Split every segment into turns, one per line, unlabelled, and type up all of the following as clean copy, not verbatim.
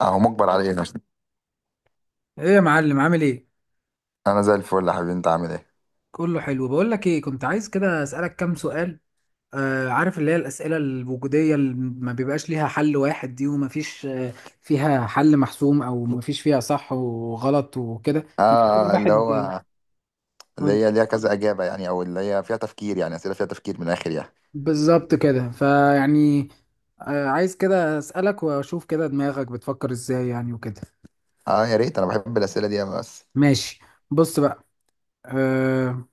اهو مجبر على ايه؟ عشان
ايه يا معلم، عامل ايه؟
انا زي الفل يا حبيبي، انت عامل ايه؟
كله حلو. بقول لك ايه، كنت عايز كده اسالك كام سؤال. آه، عارف اللي هي الاسئله الوجوديه اللي ما بيبقاش ليها حل واحد دي، وما فيش فيها حل محسوم او ما فيش فيها صح وغلط وكده. كل
اه. آه، اللي
واحد
هو
قول
اللي
لي.
هي ليها كذا اجابه يعني، او اللي هي فيها تفكير، يعني اسئله فيها تفكير من الاخر يعني.
بالظبط كده. فيعني آه عايز كده اسالك واشوف كده دماغك بتفكر ازاي يعني وكده.
اه يا ريت، انا بحب الاسئله دي أوي. بس
ماشي، بص بقى. آه،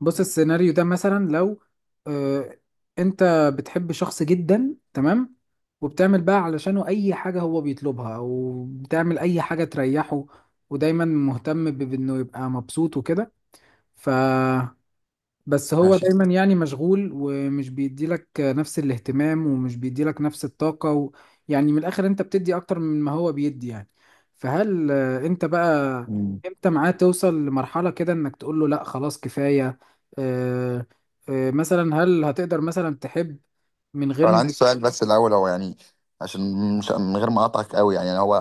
بص السيناريو ده مثلا، لو آه، انت بتحب شخص جدا، تمام؟ وبتعمل بقى علشانه اي حاجة هو بيطلبها، او بتعمل اي حاجة تريحه، ودايما مهتم بانه يبقى مبسوط وكده. ف بس هو
ماشي.
دايما يعني مشغول، ومش بيديلك نفس الاهتمام ومش بيديلك نفس الطاقة و... يعني من الآخر انت بتدي أكتر من ما هو بيدي يعني. فهل انت بقى
مم.
امتى معاه توصل لمرحلة كده انك تقول له لا خلاص كفاية؟ آه، مثلا هل هتقدر مثلا تحب من
طب انا
غير...
عندي سؤال بس الاول، هو يعني عشان مش من غير ما اقطعك قوي يعني، هو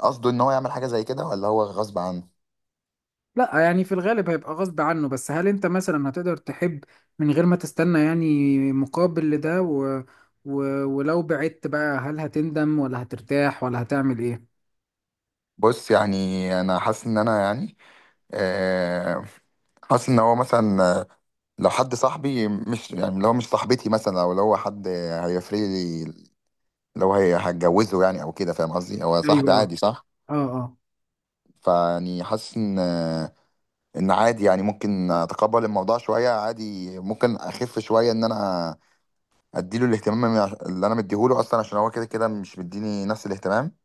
قصده ان هو يعمل حاجه زي كده ولا هو غصب عنه؟
لا يعني في الغالب هيبقى غصب عنه، بس هل انت مثلا هتقدر تحب من غير ما تستنى يعني مقابل لده و... و... ولو بعدت بقى هل هتندم ولا هترتاح ولا هتعمل ايه؟
بص يعني انا حاسس ان انا يعني، آه، حاسس ان هو مثلا لو حد صاحبي مش يعني، لو مش صاحبتي مثلا او لو هو حد هيفرق لي، لو هي هتجوزه يعني او كده، فاهم قصدي؟ هو صاحبي
ايوه.
عادي صح،
اه اه.
فيعني حاسس ان ان عادي يعني، ممكن اتقبل الموضوع شويه عادي، ممكن اخف شويه ان انا اديله الاهتمام اللي انا مديهوله اصلا، عشان هو كده كده مش مديني نفس الاهتمام.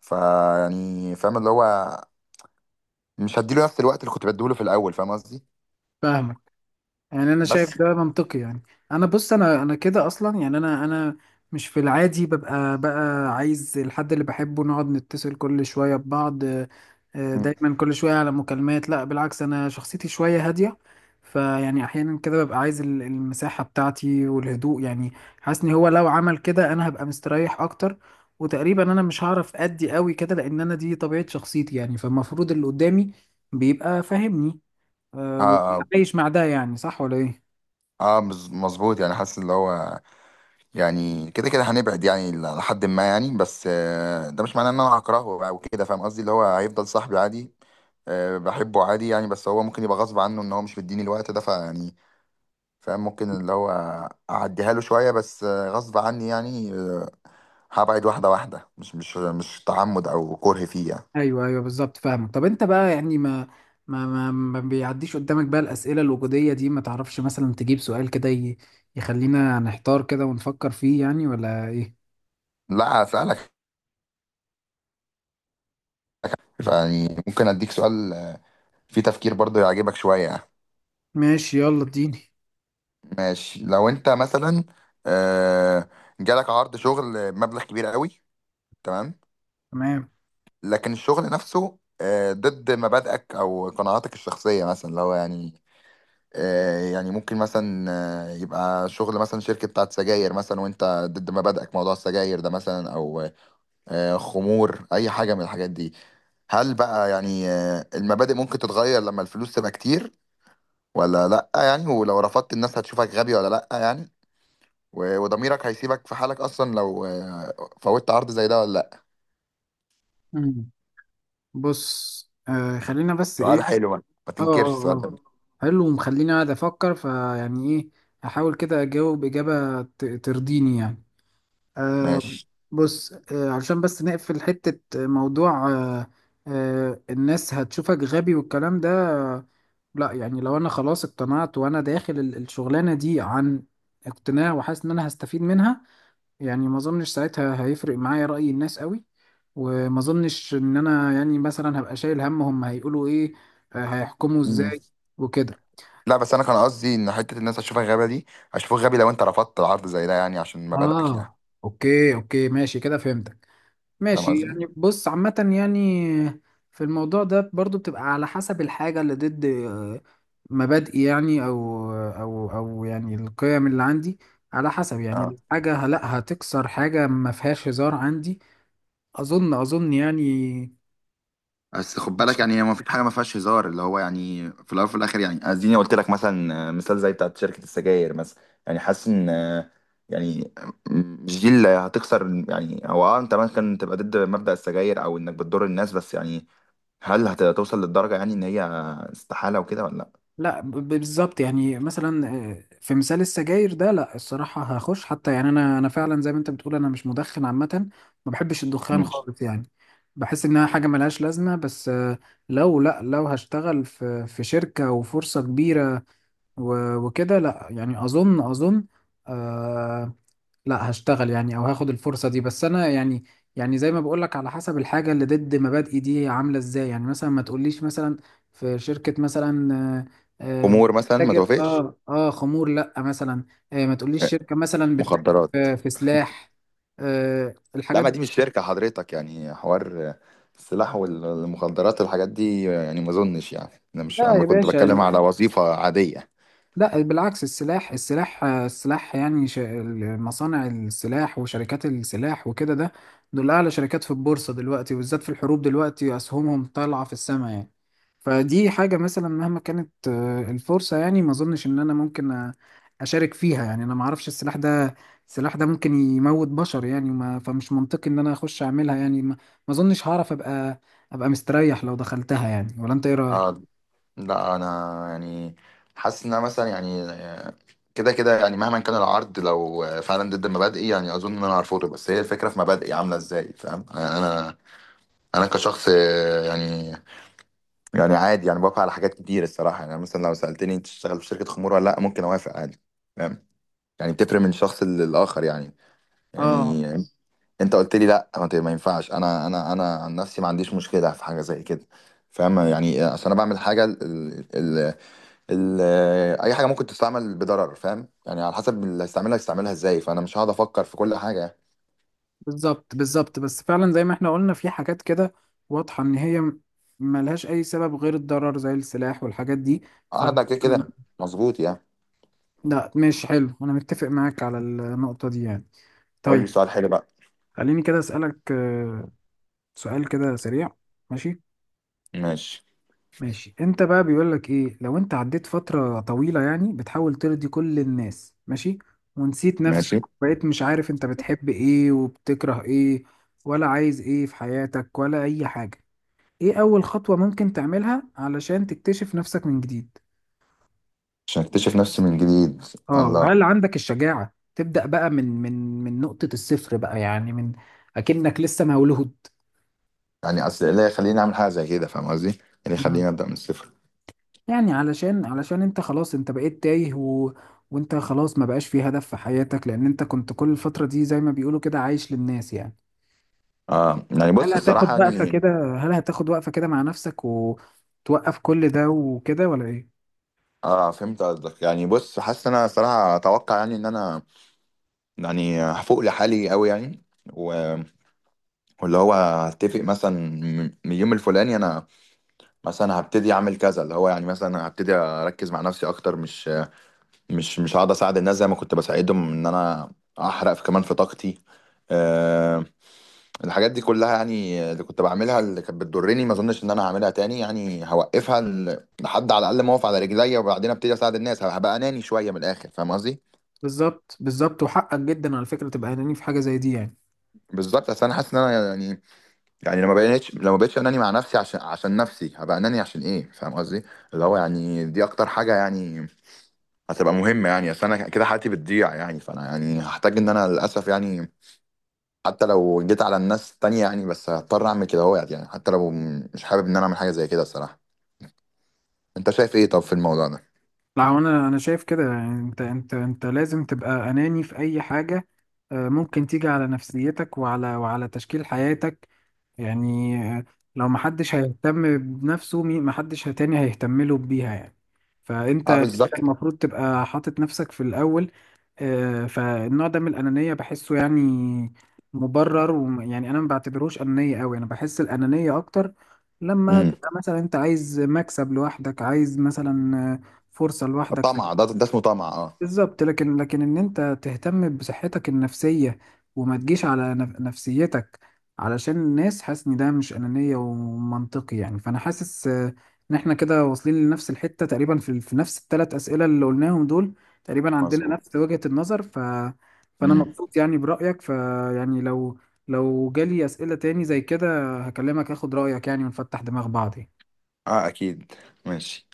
فيعني فاهم اللي هو مش هديله نفس الوقت اللي كنت بديهوله في الاول، فاهم قصدي؟
فاهمك، يعني انا شايف
بس
ده منطقي يعني. انا بص، انا كده اصلا يعني، انا مش في العادي ببقى بقى عايز الحد اللي بحبه نقعد نتصل كل شويه ببعض.
مم.
دايما كل شويه على مكالمات، لا بالعكس، انا شخصيتي شويه هاديه. فيعني احيانا كده ببقى عايز المساحه بتاعتي والهدوء يعني. حاسس ان هو لو عمل كده انا هبقى مستريح اكتر. وتقريبا انا مش هعرف ادي قوي كده، لان انا دي طبيعه شخصيتي يعني، فالمفروض اللي قدامي بيبقى فاهمني
اه.
وكنت
اه،
عايش مع ده يعني، صح ولا ايه؟
مظبوط يعني، حاسس اللي هو يعني كده كده هنبعد يعني لحد ما يعني، بس ده مش معناه ان انا هكرهه او كده، فاهم قصدي؟ اللي هو هيفضل صاحبي عادي، بحبه عادي يعني، بس هو ممكن يبقى غصب عنه ان هو مش مديني الوقت ده، فيعني فاهم ممكن اللي هو اعديها له شوية، بس غصب عني يعني. هبعد واحدة واحدة، مش تعمد او كره فيه يعني.
ايوه ايوه بالظبط، فاهمك. طب انت بقى يعني، ما بيعديش قدامك بقى الاسئله الوجوديه دي؟ ما تعرفش مثلا تجيب سؤال كده يخلينا نحتار كده ونفكر فيه يعني ولا ايه؟
لا هسألك، يعني ممكن اديك سؤال فيه تفكير برضه يعجبك شوية يعني.
ماشي يلا اديني.
ماشي، لو انت مثلا آه، جالك عرض شغل مبلغ كبير قوي، تمام،
تمام.
لكن الشغل نفسه ضد مبادئك او قناعاتك الشخصيه مثلا، اللي هو يعني يعني ممكن مثلا يبقى شغل مثلا شركه بتاعت سجاير مثلا، وانت ضد مبادئك موضوع السجاير ده مثلا، او خمور اي حاجه من الحاجات دي. هل بقى يعني المبادئ ممكن تتغير لما الفلوس تبقى كتير، ولا لا يعني؟ ولو رفضت، الناس هتشوفك غبي ولا لا يعني؟ وضميرك هيسيبك في حالك اصلا لو فوتت عرض زي ده، ولا لا؟
مم. بص خلينا بس
سؤال
ايه.
حلو بقى، ما
اه اه
تنكرش السؤال ده.
اه، حلو ومخليني قاعد افكر. فيعني ايه، احاول كده اجاوب اجابه ترضيني يعني. آه.
ماشي.
بص علشان بس نقفل حتة موضوع الناس هتشوفك غبي والكلام ده، لا يعني لو انا خلاص اقتنعت وانا داخل الشغلانة دي عن اقتناع وحاسس ان انا هستفيد منها، يعني ما اظنش ساعتها هيفرق معايا رأي الناس قوي. وما اظنش ان انا يعني مثلا هبقى شايل هم هيقولوا ايه، هيحكموا ازاي وكده.
لا، بس انا كان قصدي ان حته الناس هتشوفك غبي دي، هشوفك غبي لو انت رفضت عرض زي ده يعني عشان مبادئك يعني.
اه اوكي اوكي ماشي كده فهمت.
فاهم
ماشي
قصدي؟
يعني، بص عامة يعني في الموضوع ده برضو بتبقى على حسب الحاجة اللي ضد مبادئي يعني، أو يعني القيم اللي عندي. على حسب يعني
اه،
الحاجة لا، هتكسر حاجة ما فيهاش هزار عندي. أظن يعني.
بس خد بالك، يعني هي ما فيش حاجه ما فيهاش هزار، اللي هو يعني في الاول وفي الاخر يعني، اديني قلت لك مثلا مثال زي بتاعت شركه السجاير مثلا، يعني حاسس ان يعني، مش دي اللي هتخسر يعني، هو اه انت ممكن تبقى ضد مبدأ السجاير او انك بتضر الناس، بس يعني هل هتوصل للدرجه يعني ان هي استحاله وكده ولا لا؟
لا بالظبط، يعني مثلا في مثال السجاير ده لا، الصراحة هخش. حتى يعني، أنا فعلا زي ما أنت بتقول، أنا مش مدخن عامة، ما بحبش الدخان
مم.
خالص يعني. بحس إنها حاجة ملهاش لازمة. بس لو لا لو هشتغل في شركة وفرصة كبيرة وكده، لا يعني أظن آه، لا، هشتغل يعني او هاخد الفرصه دي. بس انا يعني، يعني زي ما بقول لك على حسب الحاجه اللي ضد مبادئي دي عامله ازاي يعني. مثلا ما تقوليش مثلا في شركه مثلا آه، آه،
امور مثلا ما
بتتاجر
توافقش.
اه اه خمور، لا مثلا، ما تقوليش شركه مثلا بتتاجر
مخدرات.
في سلاح،
لا،
الحاجات
ما
دي.
دي مش شركة حضرتك، يعني حوار السلاح والمخدرات والحاجات دي يعني ما اظنش يعني، انا مش
لا يا
انا كنت
باشا،
بتكلم على وظيفة عادية.
لا بالعكس. السلاح يعني مصانع السلاح وشركات السلاح وكده، ده دول أعلى شركات في البورصة دلوقتي، وبالذات في الحروب دلوقتي أسهمهم طالعة في السماء يعني. فدي حاجة مثلا مهما كانت الفرصة، يعني ما أظنش إن أنا ممكن أشارك فيها يعني. أنا ما أعرفش، السلاح ده، السلاح ده ممكن يموت بشر يعني. وما فمش منطقي إن أنا أخش أعملها يعني. ما ما أظنش هعرف أبقى مستريح لو دخلتها يعني. ولا أنت إيه رأيك؟
اه. لا انا يعني حاسس ان أنا مثلا يعني، كده كده يعني مهما كان العرض، لو فعلا ضد مبادئي يعني اظن ان انا هرفضه، بس هي الفكرة في مبادئي عاملة ازاي، فاهم يعني؟ انا كشخص يعني يعني عادي يعني، بوافق على حاجات كتير الصراحة، يعني مثلا لو سألتني انت تشتغل في شركة خمور ولا لا، ممكن اوافق عادي، فاهم يعني؟ بتفرق من شخص للآخر يعني.
اه
يعني انت قلت لي لا ما ما ينفعش، انا عن نفسي ما عنديش مشكله في حاجه زي كده، فاهم يعني؟ عشان انا بعمل حاجه ال ال ال اي حاجه ممكن تستعمل بضرر، فاهم يعني؟ على حسب اللي هيستعملها هيستعملها ازاي، فانا مش هقعد افكر في كل حاجه.
بالظبط بالظبط. بس فعلا زي ما احنا قلنا في حاجات كده واضحة ان هي ملهاش اي سبب غير الضرر، زي السلاح والحاجات دي. ف
قاعد كده كده. مظبوط يعني.
لا ماشي، حلو، انا متفق معاك على النقطة دي يعني.
قول لي
طيب،
سؤال حلو بقى.
خليني كده اسألك سؤال كده سريع. ماشي،
ماشي.
ماشي. انت بقى بيقول لك ايه، لو انت عديت فترة طويلة يعني بتحاول ترضي كل الناس، ماشي، ونسيت نفسك،
ماشي.
بقيت مش عارف انت بتحب ايه وبتكره ايه، ولا عايز ايه في حياتك، ولا اي حاجة، ايه اول خطوة ممكن تعملها علشان تكتشف نفسك من جديد؟
عشان اكتشف نفسي من جديد؟
اه،
الله.
وهل عندك الشجاعة تبدأ بقى من من نقطة الصفر بقى يعني، من اكنك لسه مولود؟
يعني اصل ايه اللي يخليني اعمل حاجه زي كده؟ فاهم قصدي؟ ايه اللي
مم.
يخليني ابدا من الصفر؟
يعني علشان انت خلاص انت بقيت تايه و... وانت خلاص ما بقاش في هدف في حياتك، لان انت كنت كل الفترة دي زي ما بيقولوا كده عايش للناس يعني.
اه يعني
هل
بص الصراحه
هتاخد وقفة
يعني،
كده، هل هتاخد وقفة كده مع نفسك وتوقف كل ده وكده ولا ايه؟
اه فهمت قصدك. يعني بص حاسس إن انا صراحه اتوقع يعني ان انا يعني هفوق لحالي قوي يعني، و- واللي هو هتفق مثلا من اليوم الفلاني انا مثلا هبتدي اعمل كذا، اللي هو يعني مثلا هبتدي اركز مع نفسي اكتر، مش هقعد اساعد الناس زي ما كنت بساعدهم، ان انا احرق في كمان في طاقتي. أه الحاجات دي كلها يعني اللي كنت بعملها اللي كانت بتضرني، ما اظنش ان انا هعملها تاني يعني، هوقفها لحد على الاقل ما اقف على رجليا، وبعدين ابتدي اساعد الناس. هبقى اناني شويه من الاخر، فاهم قصدي؟
بالظبط بالظبط، وحقك جدا على فكرة تبقى اناني في حاجة زي دي يعني.
بالظبط. اصل انا حاسس ان انا يعني، يعني لما بقيتش اناني مع نفسي عشان عشان نفسي، هبقى اناني عشان ايه، فاهم قصدي؟ اللي هو يعني دي اكتر حاجه يعني هتبقى مهمه يعني، اصل انا كده حياتي بتضيع يعني، فانا يعني هحتاج ان انا للاسف يعني حتى لو جيت على الناس التانية يعني، بس هضطر اعمل كده، هو يعني حتى لو مش حابب ان انا اعمل حاجه زي كده الصراحه. انت شايف ايه طب في الموضوع ده؟
لا هو انا شايف كده يعني، انت انت لازم تبقى اناني في اي حاجه ممكن تيجي على نفسيتك وعلى تشكيل حياتك يعني. لو محدش هيهتم بنفسه، محدش تاني هيهتم له بيها يعني. فانت،
اه
أنت
بالظبط.
المفروض تبقى حاطط نفسك في الاول. فالنوع ده من الأنانية بحسه يعني مبرر. ويعني أنا ما بعتبروش أنانية أوي، أنا بحس الأنانية أكتر لما
امم.
تبقى مثلا أنت عايز مكسب لوحدك، عايز مثلا فرصة لوحدك.
طمع، ده ده اسمه طمع، اه.
بالظبط. لكن ان انت تهتم بصحتك النفسية وما تجيش على نفسيتك علشان الناس، حاسس ان ده مش انانية ومنطقي يعني. فانا حاسس ان احنا كده واصلين لنفس الحتة تقريبا في نفس 3 اسئلة اللي قلناهم دول. تقريبا عندنا
مظبوط.
نفس وجهة النظر. فانا
امم.
مبسوط يعني برأيك. فيعني لو جالي اسئلة تاني زي كده هكلمك اخد رأيك يعني، ونفتح دماغ بعض يعني.
اه اكيد. ماشي.